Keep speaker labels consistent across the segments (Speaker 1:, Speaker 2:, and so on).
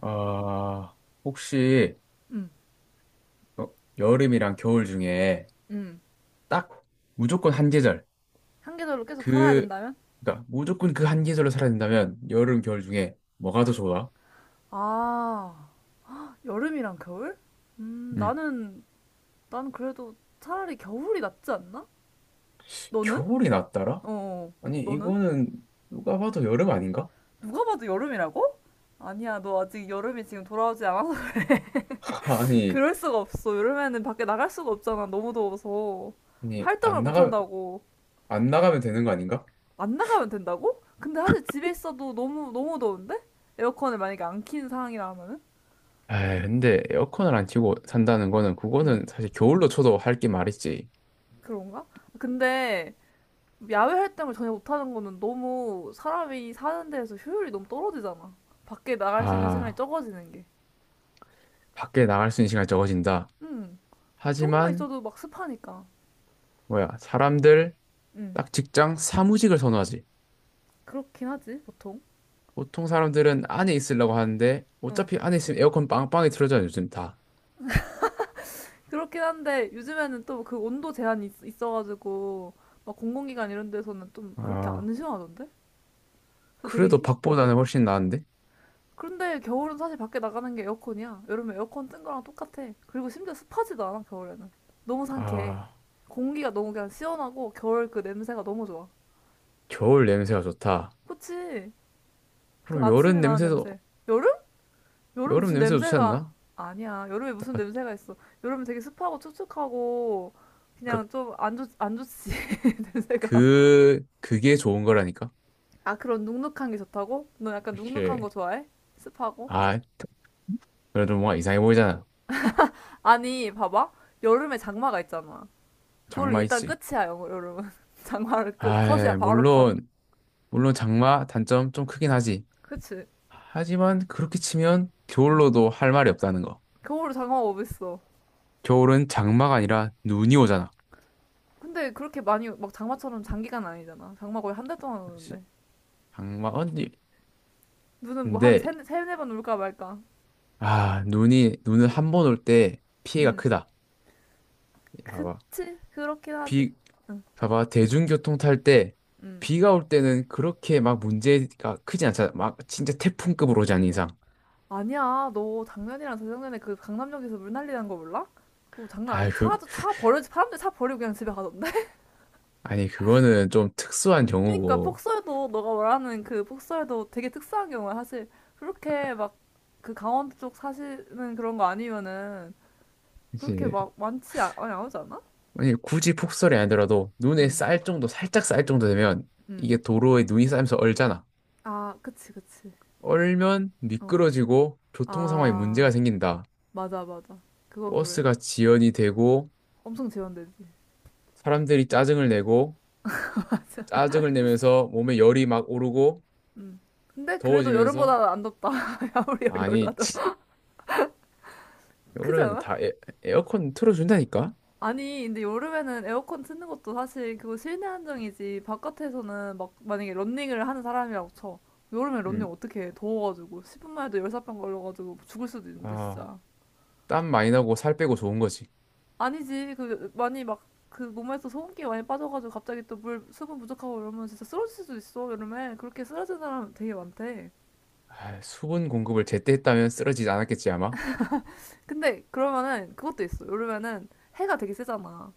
Speaker 1: 아, 혹시
Speaker 2: 응
Speaker 1: 어, 여름이랑 겨울 중에
Speaker 2: 응
Speaker 1: 딱 무조건 한 계절.
Speaker 2: 한계절로 계속 살아야
Speaker 1: 그
Speaker 2: 된다면?
Speaker 1: 그러니까 무조건 그 한 계절로 살아야 된다면 여름 겨울 중에 뭐가 더 좋아?
Speaker 2: 아, 여름이랑 겨울?
Speaker 1: 음,
Speaker 2: 나는, 난 그래도 차라리 겨울이 낫지 않나? 너는?
Speaker 1: 겨울이 낫더라?
Speaker 2: 어,
Speaker 1: 아니
Speaker 2: 너는?
Speaker 1: 이거는 누가 봐도 여름 아닌가?
Speaker 2: 누가 봐도 여름이라고? 아니야, 너 아직 여름이 지금 돌아오지 않아서
Speaker 1: 아니
Speaker 2: 그럴 수가 없어. 여름에는 밖에 나갈 수가 없잖아. 너무 더워서.
Speaker 1: 아니
Speaker 2: 활동을
Speaker 1: 안
Speaker 2: 못
Speaker 1: 나가.
Speaker 2: 한다고.
Speaker 1: 안 나가면 되는 거 아닌가?
Speaker 2: 안 나가면 된다고? 근데 사실 집에 있어도 너무, 너무 더운데? 에어컨을 만약에 안 킨 상황이라 하면은?
Speaker 1: 에이, 근데 에어컨을 안 켜고 산다는 거는
Speaker 2: 응.
Speaker 1: 그거는 사실 겨울로 쳐도 할 게 말이지.
Speaker 2: 그런가? 근데 야외 활동을 전혀 못하는 거는 너무 사람이 사는 데에서 효율이 너무 떨어지잖아. 밖에 나갈 수 있는 시간이
Speaker 1: 아,
Speaker 2: 적어지는 게.
Speaker 1: 밖에 나갈 수 있는 시간이 적어진다.
Speaker 2: 응. 조금만
Speaker 1: 하지만
Speaker 2: 있어도 막 습하니까.
Speaker 1: 뭐야 사람들
Speaker 2: 응.
Speaker 1: 딱 직장 사무직을 선호하지.
Speaker 2: 그렇긴 하지, 보통.
Speaker 1: 보통 사람들은 안에 있으려고 하는데
Speaker 2: 응.
Speaker 1: 어차피 안에 있으면 에어컨 빵빵히 틀어져요, 요즘 다.
Speaker 2: 그렇긴 한데, 요즘에는 또 그 온도 제한이 있어가지고, 막 공공기관 이런 데서는 좀 그렇게
Speaker 1: 아,
Speaker 2: 안 시원하던데? 그래서 되게,
Speaker 1: 그래도 밖보다는 훨씬 나은데?
Speaker 2: 그런데 겨울은 사실 밖에 나가는 게 에어컨이야. 여름에 에어컨 뜬 거랑 똑같아. 그리고 심지어 습하지도 않아, 겨울에는. 너무 상쾌해.
Speaker 1: 아,
Speaker 2: 공기가 너무 그냥 시원하고, 겨울 그 냄새가 너무 좋아.
Speaker 1: 겨울 냄새가 좋다.
Speaker 2: 그치. 그
Speaker 1: 그럼 여름
Speaker 2: 아침에 나는
Speaker 1: 냄새도,
Speaker 2: 냄새. 여름? 여름
Speaker 1: 여름
Speaker 2: 무슨
Speaker 1: 냄새도 좋지
Speaker 2: 냄새가
Speaker 1: 않나?
Speaker 2: 아니야. 여름에 무슨
Speaker 1: 아,
Speaker 2: 냄새가 있어. 여름은 되게 습하고 촉촉하고 그냥
Speaker 1: 그러니까
Speaker 2: 좀 안 좋지. 냄새가.
Speaker 1: 그게 좋은 거라니까?
Speaker 2: 아, 그런 눅눅한 게 좋다고? 너 약간
Speaker 1: 이
Speaker 2: 눅눅한
Speaker 1: 렇
Speaker 2: 거 좋아해? 습하고?
Speaker 1: 아, 그래도 뭔가 이상해 보이잖아.
Speaker 2: 아니, 봐봐. 여름에 장마가 있잖아. 그걸로
Speaker 1: 장마
Speaker 2: 일단
Speaker 1: 있지.
Speaker 2: 끝이야, 여름은. 장마를 끝. 컷이야,
Speaker 1: 아,
Speaker 2: 바로 컷.
Speaker 1: 물론, 물론 장마 단점 좀 크긴 하지.
Speaker 2: 그치.
Speaker 1: 하지만 그렇게 치면 겨울로도 할 말이 없다는 거.
Speaker 2: 겨울에 장마가 어딨어.
Speaker 1: 겨울은 장마가 아니라 눈이 오잖아.
Speaker 2: 근데 그렇게 많이 막 장마처럼 장기간 아니잖아. 장마 거의 1달 동안
Speaker 1: 시-
Speaker 2: 오는데.
Speaker 1: 장마 언니.
Speaker 2: 눈은 뭐 한
Speaker 1: 근데
Speaker 2: 세네 번 울까 말까.
Speaker 1: 아 눈이 눈은 한 번 올 때 피해가
Speaker 2: 응.
Speaker 1: 크다. 봐봐.
Speaker 2: 그치. 그렇긴 하지.
Speaker 1: 비.
Speaker 2: 응.
Speaker 1: 봐봐, 대중교통 탈 때
Speaker 2: 응.
Speaker 1: 비가 올 때는 그렇게 막 문제가 크진 않잖아. 막 진짜 태풍급으로 오지 않는 이상.
Speaker 2: 아니야. 너 작년이랑 재작년에 그 강남역에서 물 난리 난 거 몰라? 그거 장난
Speaker 1: 아
Speaker 2: 아니.
Speaker 1: 그
Speaker 2: 차도 차 버려 사람들 차 버리고 그냥 집에 가던데.
Speaker 1: 아니 그거는 좀 특수한
Speaker 2: 그러니까
Speaker 1: 경우고.
Speaker 2: 폭설도 너가 말하는 그 폭설도 되게 특수한 경우야. 사실 그렇게 막 그 강원도 쪽 사시는 그런 거 아니면은 그렇게
Speaker 1: 그치.
Speaker 2: 막 많이 안 오지 않아?
Speaker 1: 아니 굳이 폭설이 아니더라도 눈에
Speaker 2: 응.
Speaker 1: 쌀 정도, 살짝 쌀 정도 되면
Speaker 2: 응.
Speaker 1: 이게 도로에 눈이 쌓이면서 얼잖아.
Speaker 2: 아, 그치, 그치.
Speaker 1: 얼면
Speaker 2: 어.
Speaker 1: 미끄러지고 교통 상황에 문제가
Speaker 2: 아,
Speaker 1: 생긴다.
Speaker 2: 맞아, 맞아. 그건 그래.
Speaker 1: 버스가 지연이 되고
Speaker 2: 엄청 재현되지.
Speaker 1: 사람들이 짜증을 내고,
Speaker 2: 맞아.
Speaker 1: 짜증을 내면서 몸에 열이 막 오르고
Speaker 2: 음. 근데 그래도
Speaker 1: 더워지면서.
Speaker 2: 여름보다 안 덥다. 아무리 열이
Speaker 1: 아니
Speaker 2: 올라도. 크지
Speaker 1: 여름에는
Speaker 2: 않아?
Speaker 1: 에어컨 틀어준다니까?
Speaker 2: 아니, 근데 여름에는 에어컨 트는 것도 사실 그거 실내 한정이지. 바깥에서는 막 만약에 런닝을 하는 사람이라고 쳐. 여름에 런닝
Speaker 1: 음.
Speaker 2: 어떻게 해? 더워가지고. 10분만 해도 열사병 걸려가지고 죽을 수도 있는데,
Speaker 1: 아,
Speaker 2: 진짜.
Speaker 1: 땀 많이 나고 살 빼고 좋은 거지.
Speaker 2: 아니지. 그, 많이 막, 그 몸에서 소금기 많이 빠져가지고 갑자기 또 물, 수분 부족하고 이러면 진짜 쓰러질 수도 있어, 여름에. 그렇게 쓰러진 사람 되게 많대.
Speaker 1: 아, 수분 공급을 제때 했다면 쓰러지지 않았겠지 아마.
Speaker 2: 근데 그러면은 그것도 있어. 여름에는 해가 되게 세잖아.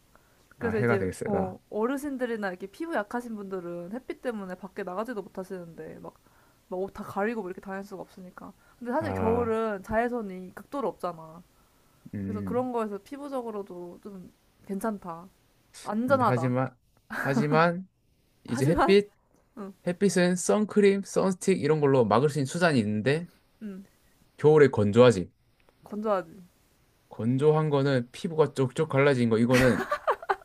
Speaker 1: 아,
Speaker 2: 그래서
Speaker 1: 해가
Speaker 2: 이제
Speaker 1: 되게 세다.
Speaker 2: 어르신들이나 이렇게 피부 약하신 분들은 햇빛 때문에 밖에 나가지도 못하시는데 막 막 옷 다 가리고 뭐 이렇게 다닐 수가 없으니까. 근데 사실
Speaker 1: 아,
Speaker 2: 겨울은 자외선이 극도로 없잖아. 그래서
Speaker 1: 음.
Speaker 2: 그런 거에서 피부적으로도 좀 괜찮다.
Speaker 1: 근데
Speaker 2: 안전하다.
Speaker 1: 하지만 하지만 이제
Speaker 2: 하지만 응,
Speaker 1: 햇빛은 선크림, 선스틱 이런 걸로 막을 수 있는 수단이 있는데
Speaker 2: 응,
Speaker 1: 겨울에 건조하지.
Speaker 2: 건조하지.
Speaker 1: 건조한 거는 피부가 쪽쪽 갈라진 거 이거는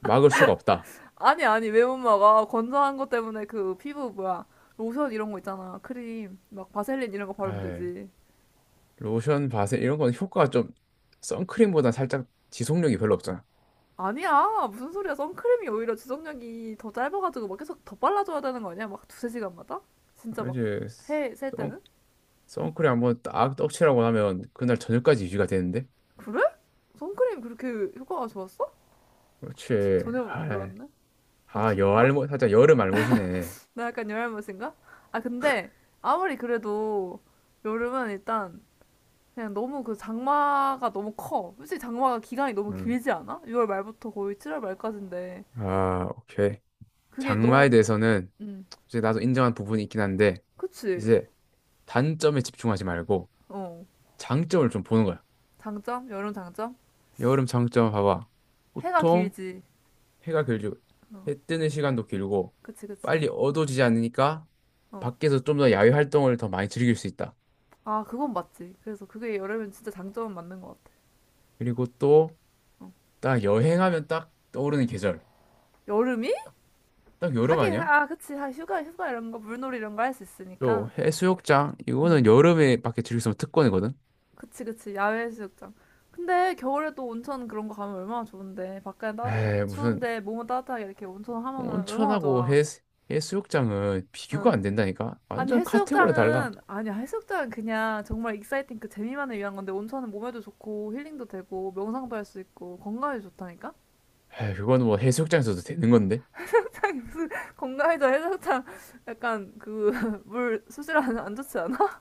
Speaker 1: 막을 수가 없다.
Speaker 2: 아니 왜 못 먹어? 건조한 것 때문에 그 피부 뭐야 로션 이런 거 있잖아. 크림 막 바셀린 이런 거 바르면
Speaker 1: 에이,
Speaker 2: 되지.
Speaker 1: 로션, 바세 이런 건 효과가 좀, 선크림보다 살짝 지속력이 별로 없잖아.
Speaker 2: 아니야 무슨 소리야 선크림이 오히려 지속력이 더 짧아가지고 막 계속 더 빨라져야 되는 거 아니야 막 2~3시간마다 진짜
Speaker 1: 아,
Speaker 2: 막
Speaker 1: 이제
Speaker 2: 해 셀
Speaker 1: 선,
Speaker 2: 때는
Speaker 1: 선크림 한번 딱 떡칠하고 나면 그날 저녁까지 유지가 되는데.
Speaker 2: 그래 선크림 그렇게 효과가 좋았어
Speaker 1: 그렇지.
Speaker 2: 전혀
Speaker 1: 아,
Speaker 2: 몰랐네 아
Speaker 1: 아,
Speaker 2: 진짜
Speaker 1: 여알못 살짝 여름 알못이네.
Speaker 2: 나 약간 열알못인가 아 근데 아무리 그래도 여름은 일단 그냥 너무 그 장마가 너무 커 솔직히 장마가 기간이 너무
Speaker 1: 음.
Speaker 2: 길지 않아 6월 말부터 거의 7월 말까지인데
Speaker 1: 아, 오케이.
Speaker 2: 그게
Speaker 1: 장마에
Speaker 2: 너무
Speaker 1: 대해서는
Speaker 2: 음
Speaker 1: 이제 나도 인정한 부분이 있긴 한데
Speaker 2: 그치
Speaker 1: 이제 단점에 집중하지 말고
Speaker 2: 어
Speaker 1: 장점을 좀 보는 거야.
Speaker 2: 장점 여름 장점
Speaker 1: 여름 장점 봐봐.
Speaker 2: 해가
Speaker 1: 보통
Speaker 2: 길지
Speaker 1: 해가 길고
Speaker 2: 어,
Speaker 1: 해 뜨는 시간도 길고
Speaker 2: 그치, 그치.
Speaker 1: 빨리 어두워지지 않으니까
Speaker 2: 어.
Speaker 1: 밖에서 좀 더 야외 활동을 더 많이 즐길 수 있다.
Speaker 2: 아, 그건 맞지. 그래서 그게 여름엔 진짜 장점은 맞는 것 같아.
Speaker 1: 그리고 또
Speaker 2: 어.
Speaker 1: 딱 여행하면 딱 떠오르는 계절.
Speaker 2: 여름이?
Speaker 1: 딱, 딱 여름
Speaker 2: 하긴,
Speaker 1: 아니야?
Speaker 2: 하- 아, 그치. 하- 휴가, 휴가 이런 거, 물놀이 이런 거 할 수
Speaker 1: 또
Speaker 2: 있으니까.
Speaker 1: 해수욕장 이거는 여름에 밖에 즐길 수 있는 특권이거든.
Speaker 2: 그치, 그치. 야외 해수욕장. 근데 겨울에도 온천 그런 거 가면 얼마나 좋은데. 밖에 따,
Speaker 1: 에이 무슨.
Speaker 2: 추운데 몸은 따뜻하게 이렇게 온천 하면은 얼마나
Speaker 1: 온천하고
Speaker 2: 좋아.
Speaker 1: 해 해수욕장은 비교가
Speaker 2: 응.
Speaker 1: 안 된다니까.
Speaker 2: 아니,
Speaker 1: 완전 카테고리 달라.
Speaker 2: 해수욕장은, 아니야, 해수욕장은 그냥 정말 익사이팅 그 재미만을 위한 건데, 온천은 몸에도 좋고, 힐링도 되고, 명상도 할 수 있고, 건강에도 좋다니까?
Speaker 1: 에이 그건 뭐 해수욕장에서도 되는 건데.
Speaker 2: 건강에도 해장탕 약간 그 물 수질안 안안 좋지 않아?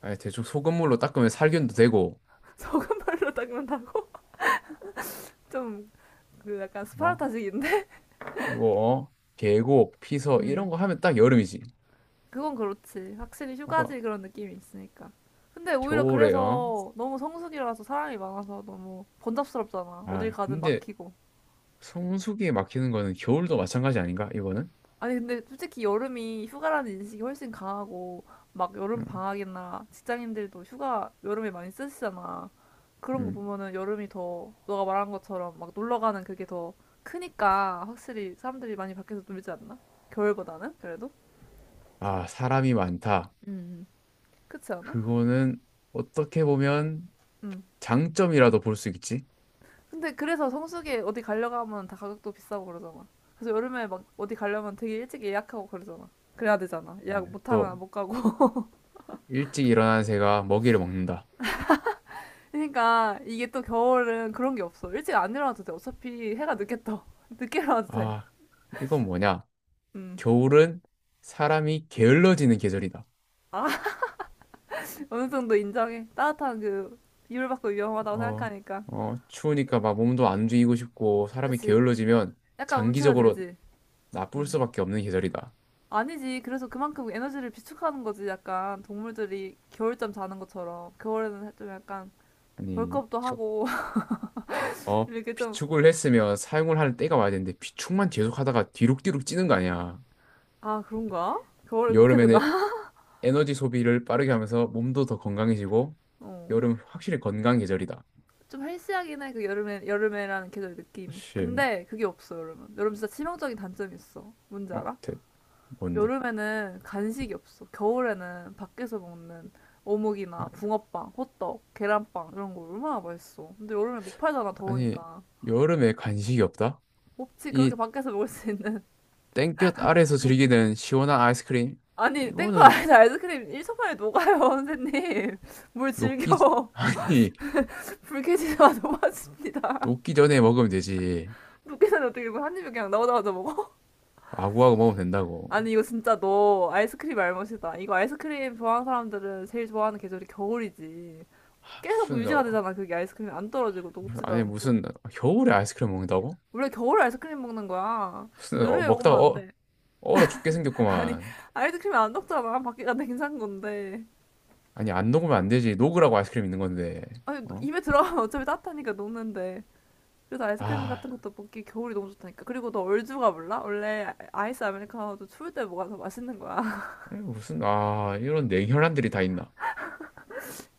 Speaker 1: 아니, 대충 소금물로 닦으면 살균도 되고.
Speaker 2: 적은 물로 닦는다고? 좀 그 약간
Speaker 1: 어?
Speaker 2: 스파르타식인데?
Speaker 1: 그리고, 어? 계곡, 피서, 이런
Speaker 2: 음
Speaker 1: 거 하면 딱 여름이지.
Speaker 2: 그건 그렇지 확실히
Speaker 1: 봐봐.
Speaker 2: 휴가지 그런 느낌이 있으니까 근데 오히려
Speaker 1: 겨울에, 요
Speaker 2: 그래서 너무 성수기라서 사람이 많아서 너무 번잡스럽잖아 어딜
Speaker 1: 아,
Speaker 2: 가든
Speaker 1: 근데
Speaker 2: 막히고
Speaker 1: 성수기에 막히는 거는 겨울도 마찬가지 아닌가, 이거는?
Speaker 2: 아니 근데 솔직히 여름이 휴가라는 인식이 훨씬 강하고 막 여름
Speaker 1: 응.
Speaker 2: 방학이나 직장인들도 휴가 여름에 많이 쓰시잖아. 그런 거
Speaker 1: 음.
Speaker 2: 보면은 여름이 더 너가 말한 것처럼 막 놀러 가는 그게 더 크니까 확실히 사람들이 많이 밖에서 놀지 않나? 겨울보다는 그래도?
Speaker 1: 아, 사람이 많다.
Speaker 2: 음. 그렇지 않아?
Speaker 1: 그거는 어떻게 보면
Speaker 2: 응.
Speaker 1: 장점이라도 볼 수 있지.
Speaker 2: 근데 그래서 성수기에 어디 가려고 하면 다 가격도 비싸고 그러잖아. 그래서 여름에 막 어디 가려면 되게 일찍 예약하고 그러잖아. 그래야 되잖아. 예약
Speaker 1: 또,
Speaker 2: 못하면 못 가고.
Speaker 1: 일찍 일어난 새가 먹이를 먹는다.
Speaker 2: 그러니까 이게 또 겨울은 그런 게 없어. 일찍 안 일어나도 돼. 어차피 해가 늦게 떠. 늦게 일어나도 돼.
Speaker 1: 아, 이건 뭐냐?
Speaker 2: 음.
Speaker 1: 겨울은 사람이 게을러지는 계절이다.
Speaker 2: 아, 어느 정도 인정해. 따뜻한 그 비율 받고 위험하다고
Speaker 1: 어,
Speaker 2: 생각하니까.
Speaker 1: 어, 추우니까 막 몸도 안 움직이고 싶고 사람이
Speaker 2: 그치.
Speaker 1: 게을러지면
Speaker 2: 약간
Speaker 1: 장기적으로
Speaker 2: 움츠러들지.
Speaker 1: 나쁠
Speaker 2: 음.
Speaker 1: 수밖에 없는 계절이다.
Speaker 2: 아니지. 그래서 그만큼 에너지를 비축하는 거지. 약간 동물들이 겨울잠 자는 것처럼. 겨울에는 좀 약간
Speaker 1: 아니,
Speaker 2: 벌크업도 하고. 이렇게 좀,
Speaker 1: 비축을 했으면 사용을 할 때가 와야 되는데 비축만 계속 하다가 뒤룩뒤룩 찌는 거 아니야.
Speaker 2: 아, 그런가? 겨울에 그렇게 되나?
Speaker 1: 여름에는 에너지 소비를 빠르게 하면서 몸도 더 건강해지고
Speaker 2: 어.
Speaker 1: 여름 확실히 건강 계절이다.
Speaker 2: 좀 헬스하긴 해, 그 여름에, 여름에라는 계절 느낌이.
Speaker 1: 사실
Speaker 2: 근데 그게 없어, 여름은. 여름 진짜 치명적인 단점이 있어. 뭔지
Speaker 1: 어,
Speaker 2: 알아?
Speaker 1: 대, 뭔데?
Speaker 2: 여름에는 간식이 없어. 겨울에는 밖에서 먹는
Speaker 1: 아,
Speaker 2: 어묵이나 붕어빵, 호떡, 계란빵 이런 거 얼마나 맛있어. 근데 여름에 못 팔잖아,
Speaker 1: 아니,
Speaker 2: 더우니까.
Speaker 1: 여름에 간식이 없다?
Speaker 2: 없지, 그렇게
Speaker 1: 이
Speaker 2: 밖에서 먹을 수 있는.
Speaker 1: 땡볕 아래에서 즐기는 시원한 아이스크림?
Speaker 2: 아니, 땡파
Speaker 1: 이거는
Speaker 2: 안에서 아이스크림 1초 만에 녹아요, 선생님. 뭘
Speaker 1: 녹기,
Speaker 2: 즐겨.
Speaker 1: 아니,
Speaker 2: 불쾌지수가 높아집니다.
Speaker 1: 녹기 전에 먹으면 되지.
Speaker 2: 녹기 전에 어떻게 이거 한 입에 그냥 나오자마자 먹어?
Speaker 1: 아구아구 먹으면 된다고.
Speaker 2: 아니 이거 진짜 너 아이스크림 알못이다. 이거 아이스크림 좋아하는 사람들은 제일 좋아하는 계절이 겨울이지. 계속
Speaker 1: 무슨,
Speaker 2: 유지가
Speaker 1: 어,
Speaker 2: 되잖아. 그게 아이스크림이 안 떨어지고 녹지도
Speaker 1: 아니,
Speaker 2: 않고.
Speaker 1: 무슨, 겨울에 아이스크림 먹는다고?
Speaker 2: 원래 겨울 아이스크림 먹는 거야.
Speaker 1: 무슨, 어,
Speaker 2: 여름에 먹으면
Speaker 1: 먹다가
Speaker 2: 안
Speaker 1: 어,
Speaker 2: 돼.
Speaker 1: 얼어 죽게
Speaker 2: 아니
Speaker 1: 생겼구만.
Speaker 2: 아이스크림이 안 녹잖아. 밖에 안돼 괜찮은 건데.
Speaker 1: 아니, 안 녹으면 안 되지. 녹으라고 아이스크림 있는 건데.
Speaker 2: 아니
Speaker 1: 어?
Speaker 2: 입에 들어가면 어차피 따뜻하니까 녹는데. 그래서 아이스크림
Speaker 1: 아,
Speaker 2: 같은 것도 먹기 겨울이 너무 좋다니까. 그리고 너 얼주가 몰라? 원래 아이스 아메리카노도 추울 때 먹어서 맛있는 거야.
Speaker 1: 아니, 무슨, 아, 이런 냉혈한들이 다 있나.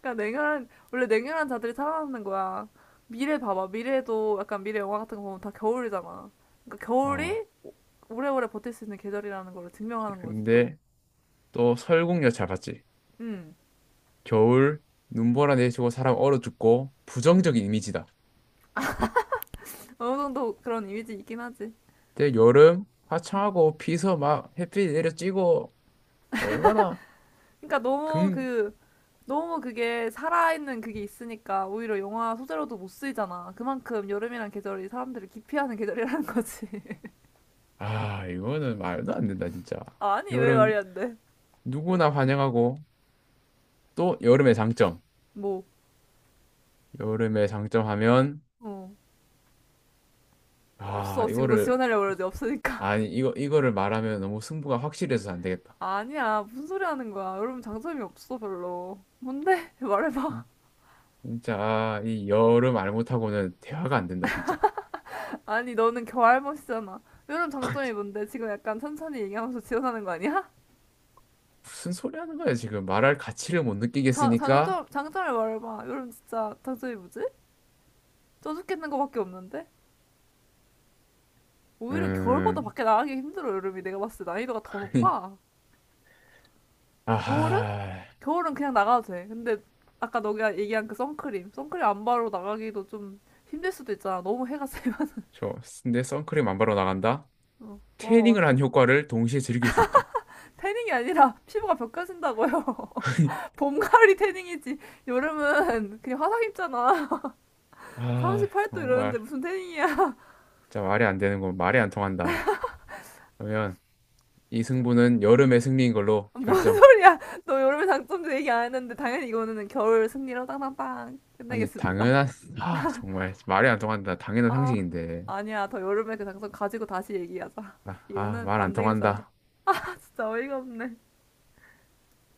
Speaker 2: 그러니까 냉혈한 원래 냉혈한 자들이 살아남는 거야. 미래 봐봐. 미래도 약간 미래 영화 같은 거 보면 다 겨울이잖아. 그러니까
Speaker 1: 아,
Speaker 2: 겨울이 오래오래 버틸 수 있는 계절이라는 걸 증명하는 거지 또.
Speaker 1: 근데 또 설국열 잘 봤지.
Speaker 2: 음
Speaker 1: 겨울, 눈보라 내리고 사람 얼어 죽고, 부정적인 이미지다.
Speaker 2: 어느 정도 그런 이미지 있긴 하지.
Speaker 1: 근데 여름, 화창하고 비서 막 햇빛 내려 찌고, 얼마나
Speaker 2: 그러니까 너무
Speaker 1: 긍,
Speaker 2: 그 너무 그게 살아있는 그게 있으니까 오히려 영화 소재로도 못 쓰이잖아. 그만큼 여름이란 계절이 사람들을 기피하는 계절이라는 거지.
Speaker 1: 아, 이거는 말도 안 된다, 진짜.
Speaker 2: 아니 왜 말이
Speaker 1: 여름,
Speaker 2: 안 돼?
Speaker 1: 누구나 환영하고, 또 여름의 장점.
Speaker 2: 뭐
Speaker 1: 여름의 장점 하면,
Speaker 2: 어.
Speaker 1: 아,
Speaker 2: 없어. 지금 너
Speaker 1: 이거를,
Speaker 2: 지원하려고 그러지. 없으니까.
Speaker 1: 아니, 이거를 말하면 너무 승부가 확실해서 안 되겠다.
Speaker 2: 아니야, 무슨 소리 하는 거야. 여러분 장점이 없어, 별로. 뭔데? 말해봐.
Speaker 1: 음, 진짜, 아, 이 여름 말 못하고는 대화가 안 된다, 진짜.
Speaker 2: 아니, 너는 겨알할머잖아 여러분 장점이 뭔데? 지금 약간 천천히 얘기하면서 지어나는 거 아니야?
Speaker 1: 무슨 소리 하는 거야, 지금. 말할 가치를 못
Speaker 2: 자,
Speaker 1: 느끼겠으니까,
Speaker 2: 장점, 장점을 말해봐. 여름 진짜 장점이 뭐지? 쪄 죽겠는 거밖에 없는데? 오히려 겨울보다
Speaker 1: 음,
Speaker 2: 밖에 나가기 힘들어, 여름이. 내가 봤을 때 난이도가 더
Speaker 1: 아니,
Speaker 2: 높아. 겨울은?
Speaker 1: 아,
Speaker 2: 겨울은 그냥 나가도 돼. 근데 아까 너가 얘기한 그 선크림. 선크림 안 바르고 나가기도 좀 힘들 수도 있잖아. 너무 해가 세면.
Speaker 1: 저, 내 선크림 안 바르고 나간다?
Speaker 2: 어, 어,
Speaker 1: 태닝을 한 효과를 동시에 즐길 수 있다.
Speaker 2: 태닝이 아니라 피부가 벗겨진다고요. 봄, 가을이 태닝이지. 여름은 그냥 화상 입잖아.
Speaker 1: 아,
Speaker 2: 38도 이러는데
Speaker 1: 정말.
Speaker 2: 무슨 태닝이야.
Speaker 1: 진짜 말이 안 되는 건 말이 안 통한다. 그러면 이 승부는 여름의 승리인 걸로
Speaker 2: 뭔
Speaker 1: 결정.
Speaker 2: 소리야. 너 여름의 장점도 얘기 안 했는데 당연히 이거는 겨울 승리로 땅땅땅
Speaker 1: 아니,
Speaker 2: 끝내겠습니다.
Speaker 1: 당연한, 아, 정말 말이 안 통한다. 당연한
Speaker 2: 아,
Speaker 1: 상식인데.
Speaker 2: 아니야. 더 여름의 그 장점 가지고 다시 얘기하자.
Speaker 1: 아, 아,
Speaker 2: 이거는
Speaker 1: 말안
Speaker 2: 안 되겠어.
Speaker 1: 통한다.
Speaker 2: 진짜 어이가 없네.